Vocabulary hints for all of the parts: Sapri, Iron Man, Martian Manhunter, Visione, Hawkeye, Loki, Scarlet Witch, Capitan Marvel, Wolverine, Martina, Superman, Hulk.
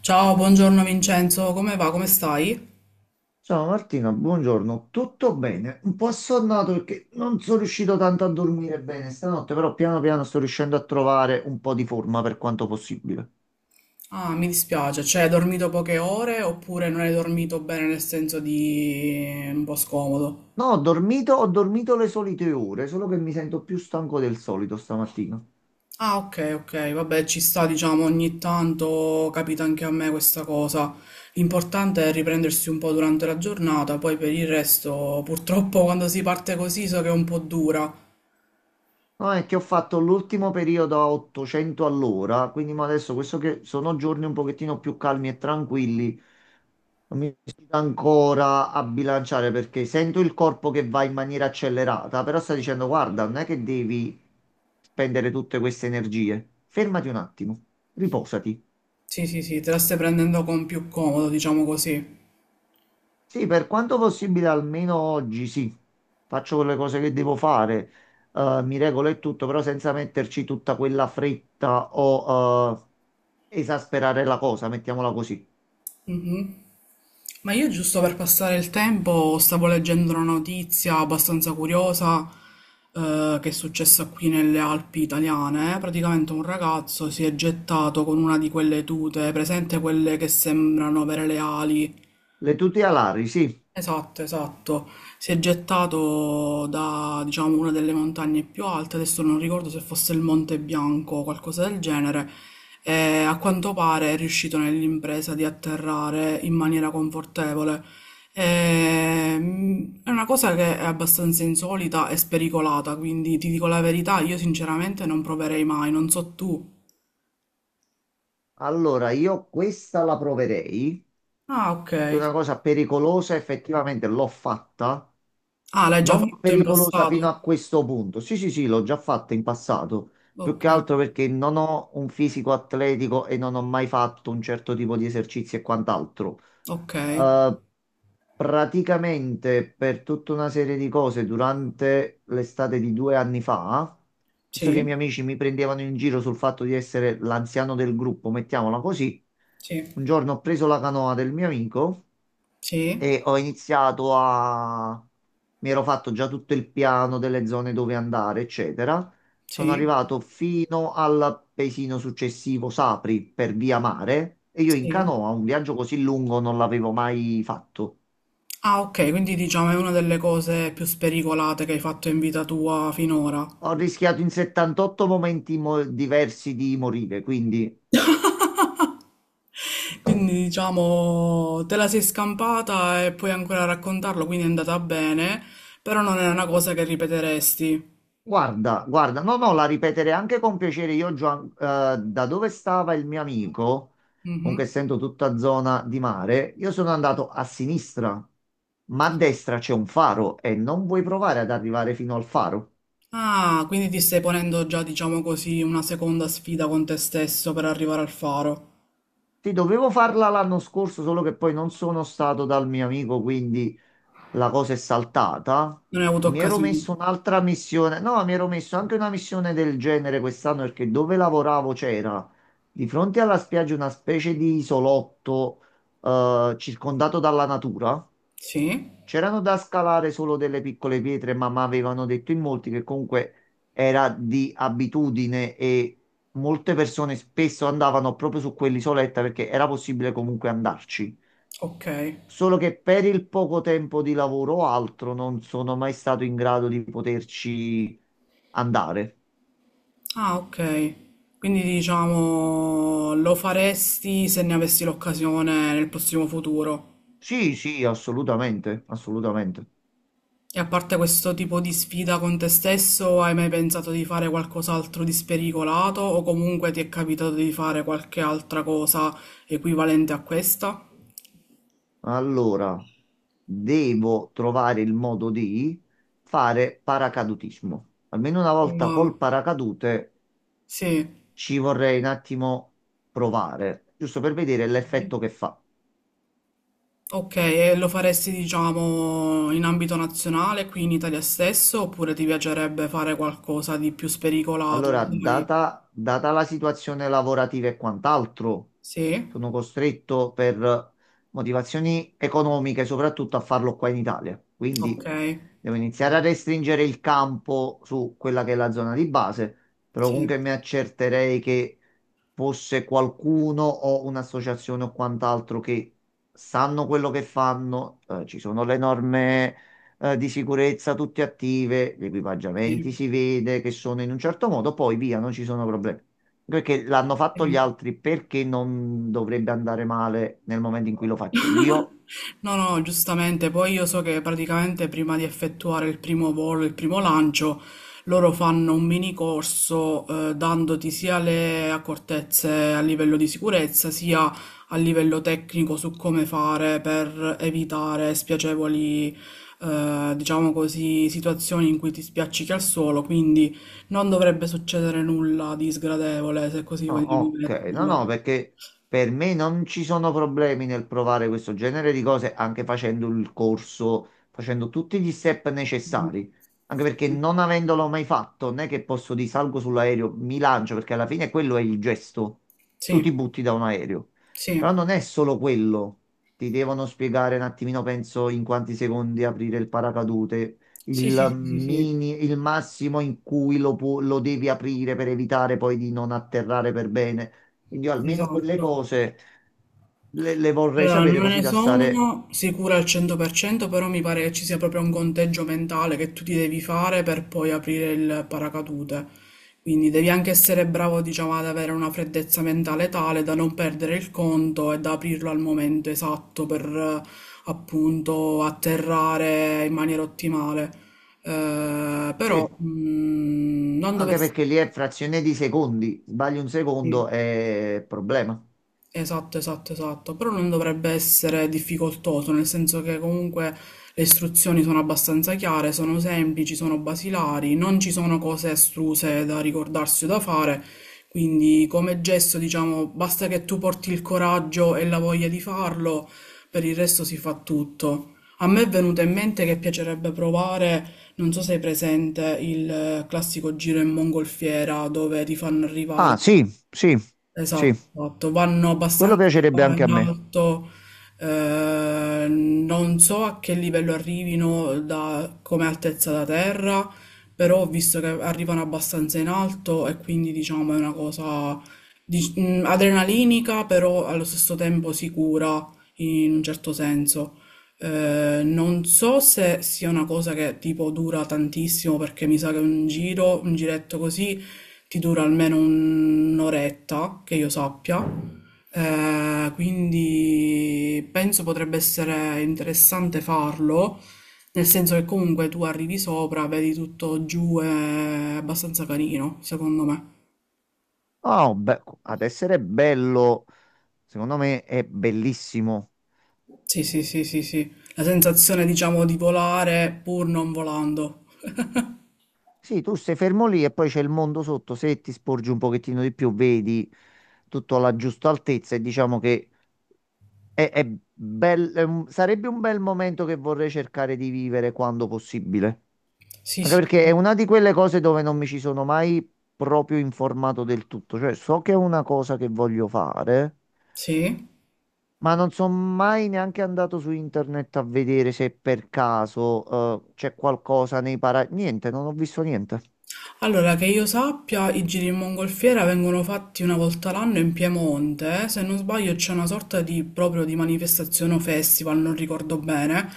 Ciao, buongiorno Vincenzo, come va? Come stai? Ciao Martina, buongiorno. Tutto bene? Un po' assonnato perché non sono riuscito tanto a dormire bene stanotte, però piano piano sto riuscendo a trovare un po' di forma per quanto possibile. Ah, mi dispiace, cioè hai dormito poche ore oppure non hai dormito bene nel senso di un po' scomodo? No, ho dormito le solite ore, solo che mi sento più stanco del solito stamattina. Ah, ok, ok, vabbè, ci sta, diciamo, ogni tanto capita anche a me questa cosa. L'importante è riprendersi un po' durante la giornata, poi per il resto, purtroppo quando si parte così so che è un po' dura. No, è che ho fatto l'ultimo periodo a 800 all'ora, quindi ma adesso questo che sono giorni un pochettino più calmi e tranquilli, non mi riesco ancora a bilanciare perché sento il corpo che va in maniera accelerata, però sta dicendo, guarda, non è che devi spendere tutte queste energie. Fermati un attimo, riposati. Sì, sì, sì, te la stai prendendo con più comodo, diciamo così. Sì, per quanto possibile, almeno oggi sì, faccio quelle cose che devo fare, mi regolo e tutto, però senza metterci tutta quella fretta o esasperare la cosa, mettiamola così. Ma io giusto per passare il tempo stavo leggendo una notizia abbastanza curiosa che è successa qui nelle Alpi italiane. Praticamente un ragazzo si è gettato con una di quelle tute, presente quelle che sembrano avere le ali. Le tute alari, sì. Esatto, esatto. Si è gettato da, diciamo, una delle montagne più alte, adesso non ricordo se fosse il Monte Bianco o qualcosa del genere, e a quanto pare è riuscito nell'impresa di atterrare in maniera confortevole. È una cosa che è abbastanza insolita e spericolata, quindi ti dico la verità, io sinceramente non proverei mai, non so tu. Allora, io questa la proverei. Ah, ok. Io una cosa pericolosa, effettivamente l'ho fatta, Ah, l'hai già non fatto in pericolosa fino a passato? questo punto. Sì, sì, sì, l'ho già fatta in passato, più Ok, che altro perché non ho un fisico atletico e non ho mai fatto un certo tipo di esercizi e quant'altro. ok. Eh, praticamente per tutta una serie di cose durante l'estate di 2 anni fa, visto che i Sì, miei amici mi prendevano in giro sul fatto di essere l'anziano del gruppo, mettiamola così, sì. un giorno ho preso la canoa del mio amico Sì, e ho iniziato a... mi ero fatto già tutto il piano delle zone dove andare, eccetera. Sono sì, arrivato fino al paesino successivo, Sapri, per via mare, e io in sì. canoa un viaggio così lungo non l'avevo mai fatto. Ah, ok, quindi diciamo è una delle cose più spericolate che hai fatto in vita tua finora. Ho rischiato in 78 diversi di morire, quindi Quindi diciamo te la sei scampata e puoi ancora raccontarlo, quindi è andata bene, però non è una cosa che ripeteresti. guarda, guarda, no, no, la ripeterei anche con piacere. Io già, da dove stava il mio amico, Mhm. comunque essendo tutta zona di mare, io sono andato a sinistra, ma a destra c'è un faro e non vuoi provare ad arrivare fino al faro. Ah, quindi ti stai ponendo già, diciamo così, una seconda sfida con te stesso per arrivare al faro. Ti dovevo farla l'anno scorso, solo che poi non sono stato dal mio amico, quindi la cosa è saltata. Non hai avuto Mi ero occasione. messo un'altra missione, no, mi ero messo anche una missione del genere quest'anno perché dove lavoravo c'era di fronte alla spiaggia una specie di isolotto circondato dalla natura. Sì, C'erano da scalare solo delle piccole pietre, ma mi avevano detto in molti che comunque era di abitudine e molte persone spesso andavano proprio su quell'isoletta perché era possibile comunque andarci. ok. Solo che per il poco tempo di lavoro o altro non sono mai stato in grado di poterci andare. Ah, ok. Quindi diciamo lo faresti se ne avessi l'occasione nel prossimo futuro. Sì, sì, assolutamente, assolutamente. E a parte questo tipo di sfida con te stesso, hai mai pensato di fare qualcos'altro di spericolato o comunque ti è capitato di fare qualche altra cosa equivalente a questa? Allora, devo trovare il modo di fare paracadutismo. Almeno una volta Mm, col paracadute sì. ci vorrei un attimo provare, giusto per vedere l'effetto che fa. Ok, e lo faresti diciamo in ambito nazionale, qui in Italia stesso, oppure ti piacerebbe fare qualcosa di più spericolato? Allora, Sai? Data la situazione lavorativa e quant'altro, Sì. sono costretto per motivazioni economiche soprattutto a farlo qua in Italia. Quindi Okay, devo iniziare a restringere il campo su quella che è la zona di base, però sì, comunque mi accerterei che fosse qualcuno o un'associazione o quant'altro che sanno quello che fanno, ci sono le norme di sicurezza tutte attive, gli equipaggiamenti sì, si vede che sono in un certo modo, poi via, non ci sono problemi. Perché l'hanno fatto gli sì. altri, perché non dovrebbe andare male nel momento in cui lo faccio io? No, no, giustamente. Poi io so che praticamente prima di effettuare il primo volo, il primo lancio, loro fanno un mini corso dandoti sia le accortezze a livello di sicurezza, sia a livello tecnico su come fare per evitare spiacevoli, diciamo così, situazioni in cui ti spiaccichi al suolo. Quindi non dovrebbe succedere nulla di sgradevole, se così No, vogliamo ok, no, metterla. no, perché per me non ci sono problemi nel provare questo genere di cose anche facendo il corso, facendo tutti gli step Mh. necessari. Anche perché Mh. non avendolo mai fatto, non è che posso di salgo sull'aereo, mi lancio, perché alla fine quello è il gesto. Tu Sì, ti butti da un aereo. sì. Però non è solo quello. Ti devono spiegare un attimino, penso, in quanti secondi aprire il paracadute Sì, sì, il sì, sì, sì, mini, il massimo in cui lo devi aprire per evitare poi di non atterrare per bene. Quindi io almeno quelle esatto. cose le vorrei Allora, sapere non così ne da stare... sono sicura al 100%, però mi pare che ci sia proprio un conteggio mentale che tu ti devi fare per poi aprire il paracadute. Quindi devi anche essere bravo, diciamo, ad avere una freddezza mentale tale da non perdere il conto e da aprirlo al momento esatto per appunto atterrare in maniera ottimale. Però Sì, non anche dovessi... perché lì è frazione di secondi. Sbagli un secondo è problema. Esatto, esatto, esatto, però non dovrebbe essere difficoltoso, nel senso che comunque le istruzioni sono abbastanza chiare, sono semplici, sono basilari, non ci sono cose estruse da ricordarsi o da fare, quindi come gesto, diciamo, basta che tu porti il coraggio e la voglia di farlo, per il resto si fa tutto. A me è venuto in mente che piacerebbe provare, non so se hai presente, il classico giro in mongolfiera dove ti fanno Ah, arrivare. sì, sì, sì. Esatto, esatto. Vanno Quello abbastanza piacerebbe anche a in me. alto, non so a che livello arrivino come altezza da terra, però ho visto che arrivano abbastanza in alto e quindi diciamo è una cosa adrenalinica, però allo stesso tempo sicura in un certo senso. Non so se sia una cosa che tipo dura tantissimo perché mi sa che un giro, un giretto così che dura almeno un'oretta, che io sappia. Quindi penso potrebbe essere interessante farlo, nel senso che comunque tu arrivi sopra, vedi tutto giù, è abbastanza carino, secondo me. Oh, beh, ad essere bello, secondo me è bellissimo. Sì, sì, sì, sì, sì. La sensazione, diciamo, di volare pur non volando. Sì, tu sei fermo lì e poi c'è il mondo sotto, se ti sporgi un pochettino di più, vedi tutto alla giusta altezza e diciamo che è sarebbe un bel momento che vorrei cercare di vivere quando possibile. Sì, Anche sì, sì. perché è una di quelle cose dove non mi ci sono mai proprio informato del tutto, cioè so che è una cosa che voglio fare, Sì? ma non sono mai neanche andato su internet a vedere se per caso c'è qualcosa nei para... Niente, non ho visto niente. Allora, che io sappia, i giri in mongolfiera vengono fatti una volta l'anno in Piemonte. Eh. Se non sbaglio, c'è una sorta di proprio di manifestazione o festival, non ricordo bene,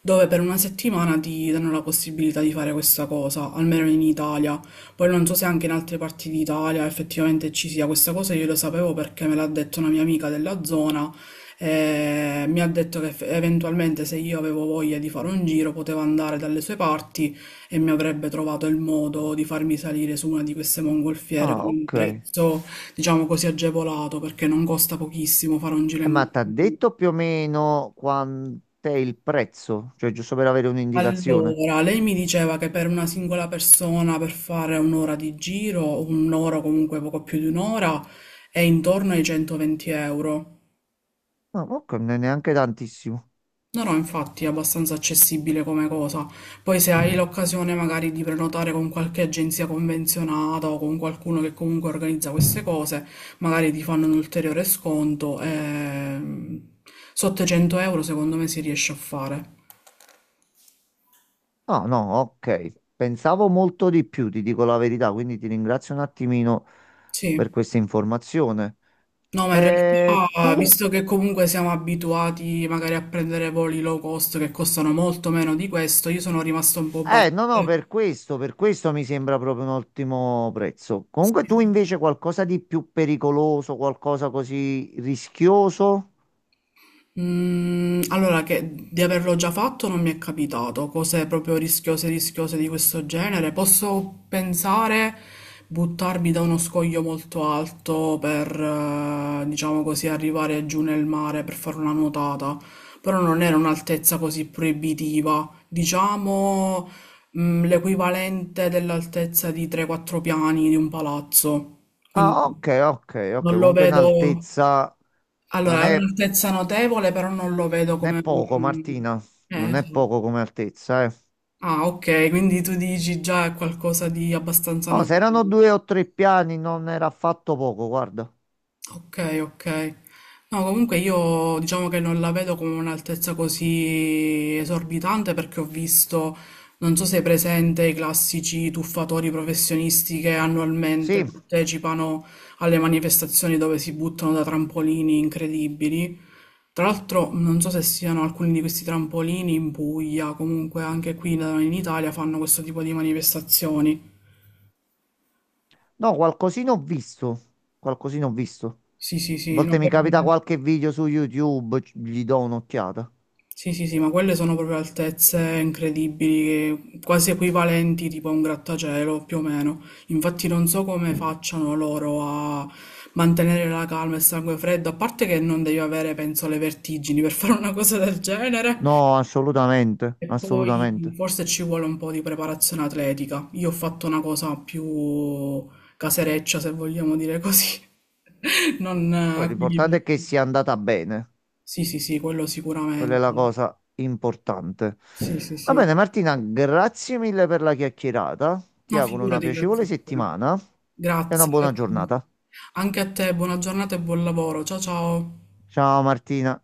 dove per una settimana ti danno la possibilità di fare questa cosa, almeno in Italia. Poi non so se anche in altre parti d'Italia effettivamente ci sia questa cosa, io lo sapevo perché me l'ha detto una mia amica della zona. E mi ha detto che eventualmente se io avevo voglia di fare un giro potevo andare dalle sue parti e mi avrebbe trovato il modo di farmi salire su una di queste mongolfiere Ah, con un ok. prezzo, diciamo così, agevolato, perché non costa pochissimo fare un giro in... ma ti ha detto più o meno quant'è il prezzo? Cioè, giusto per avere un'indicazione. Allora, lei mi diceva che per una singola persona per fare un'ora di giro, un'ora o comunque poco più di un'ora, è intorno ai 120 euro. No, ok, non è neanche tantissimo. No, no, infatti è abbastanza accessibile come cosa. Poi se hai l'occasione magari di prenotare con qualche agenzia convenzionata o con qualcuno che comunque organizza queste cose, magari ti fanno un ulteriore sconto. Sotto i 100 euro secondo me si riesce a fare. No, no, ok. Pensavo molto di più, ti dico la verità, quindi ti ringrazio un attimino Sì. per questa informazione. No, ma in realtà, Tu? visto che comunque siamo abituati magari a prendere voli low cost che costano molto meno di questo, io sono rimasto un po' basito. No, no, per questo mi sembra proprio un ottimo prezzo. Comunque tu invece qualcosa di più pericoloso, qualcosa così rischioso? Mm, allora, che di averlo già fatto non mi è capitato, cose proprio rischiose, rischiose di questo genere. Posso pensare buttarmi da uno scoglio molto alto per, diciamo così, arrivare giù nel mare per fare una nuotata, però non era un'altezza così proibitiva, diciamo, mm, l'equivalente dell'altezza di 3-4 piani di un palazzo. Quindi Ah, ok, ok, non ok. lo Comunque in vedo. altezza Allora, non è è, un'altezza notevole, però non lo vedo non è come... poco, mm, Martina. Non è esatto. poco come altezza, eh. Ah, ok, quindi tu dici già è qualcosa di abbastanza No, se erano notevole. due o tre piani non era affatto poco, guarda. Ok, ok. No, comunque io diciamo che non la vedo come un'altezza così esorbitante perché ho visto, non so se è presente, i classici tuffatori professionisti che annualmente Sì, partecipano alle manifestazioni dove si buttano da trampolini incredibili. Tra l'altro non so se siano alcuni di questi trampolini in Puglia, comunque anche qui da noi in Italia fanno questo tipo di manifestazioni. no, qualcosina ho visto. Qualcosina ho visto. A Sì, sì, sì, no, volte mi capita quelle- qualche video su YouTube, gli do un'occhiata. sì, sì, sì, ma quelle sono proprio altezze incredibili, che- quasi equivalenti tipo a un grattacielo, più o meno. Infatti non so come facciano loro a mantenere la calma e il sangue freddo, a parte che non devi avere, penso, le vertigini per fare una cosa del genere. No, assolutamente, E poi assolutamente. forse ci vuole un po' di preparazione atletica. Io ho fatto una cosa più casereccia, se vogliamo dire così. Non Poi quelli per- l'importante è che sia andata bene. sì, sì, sì, quello Quella è la sicuramente. cosa importante. Sì, sì, Va sì. bene, Martina, grazie mille per la chiacchierata. Ti No, auguro una figurati, piacevole grazie a te. settimana e una Grazie, buona grazie. giornata. Anche a te, buona giornata e buon lavoro. Ciao, ciao. Ciao Martina.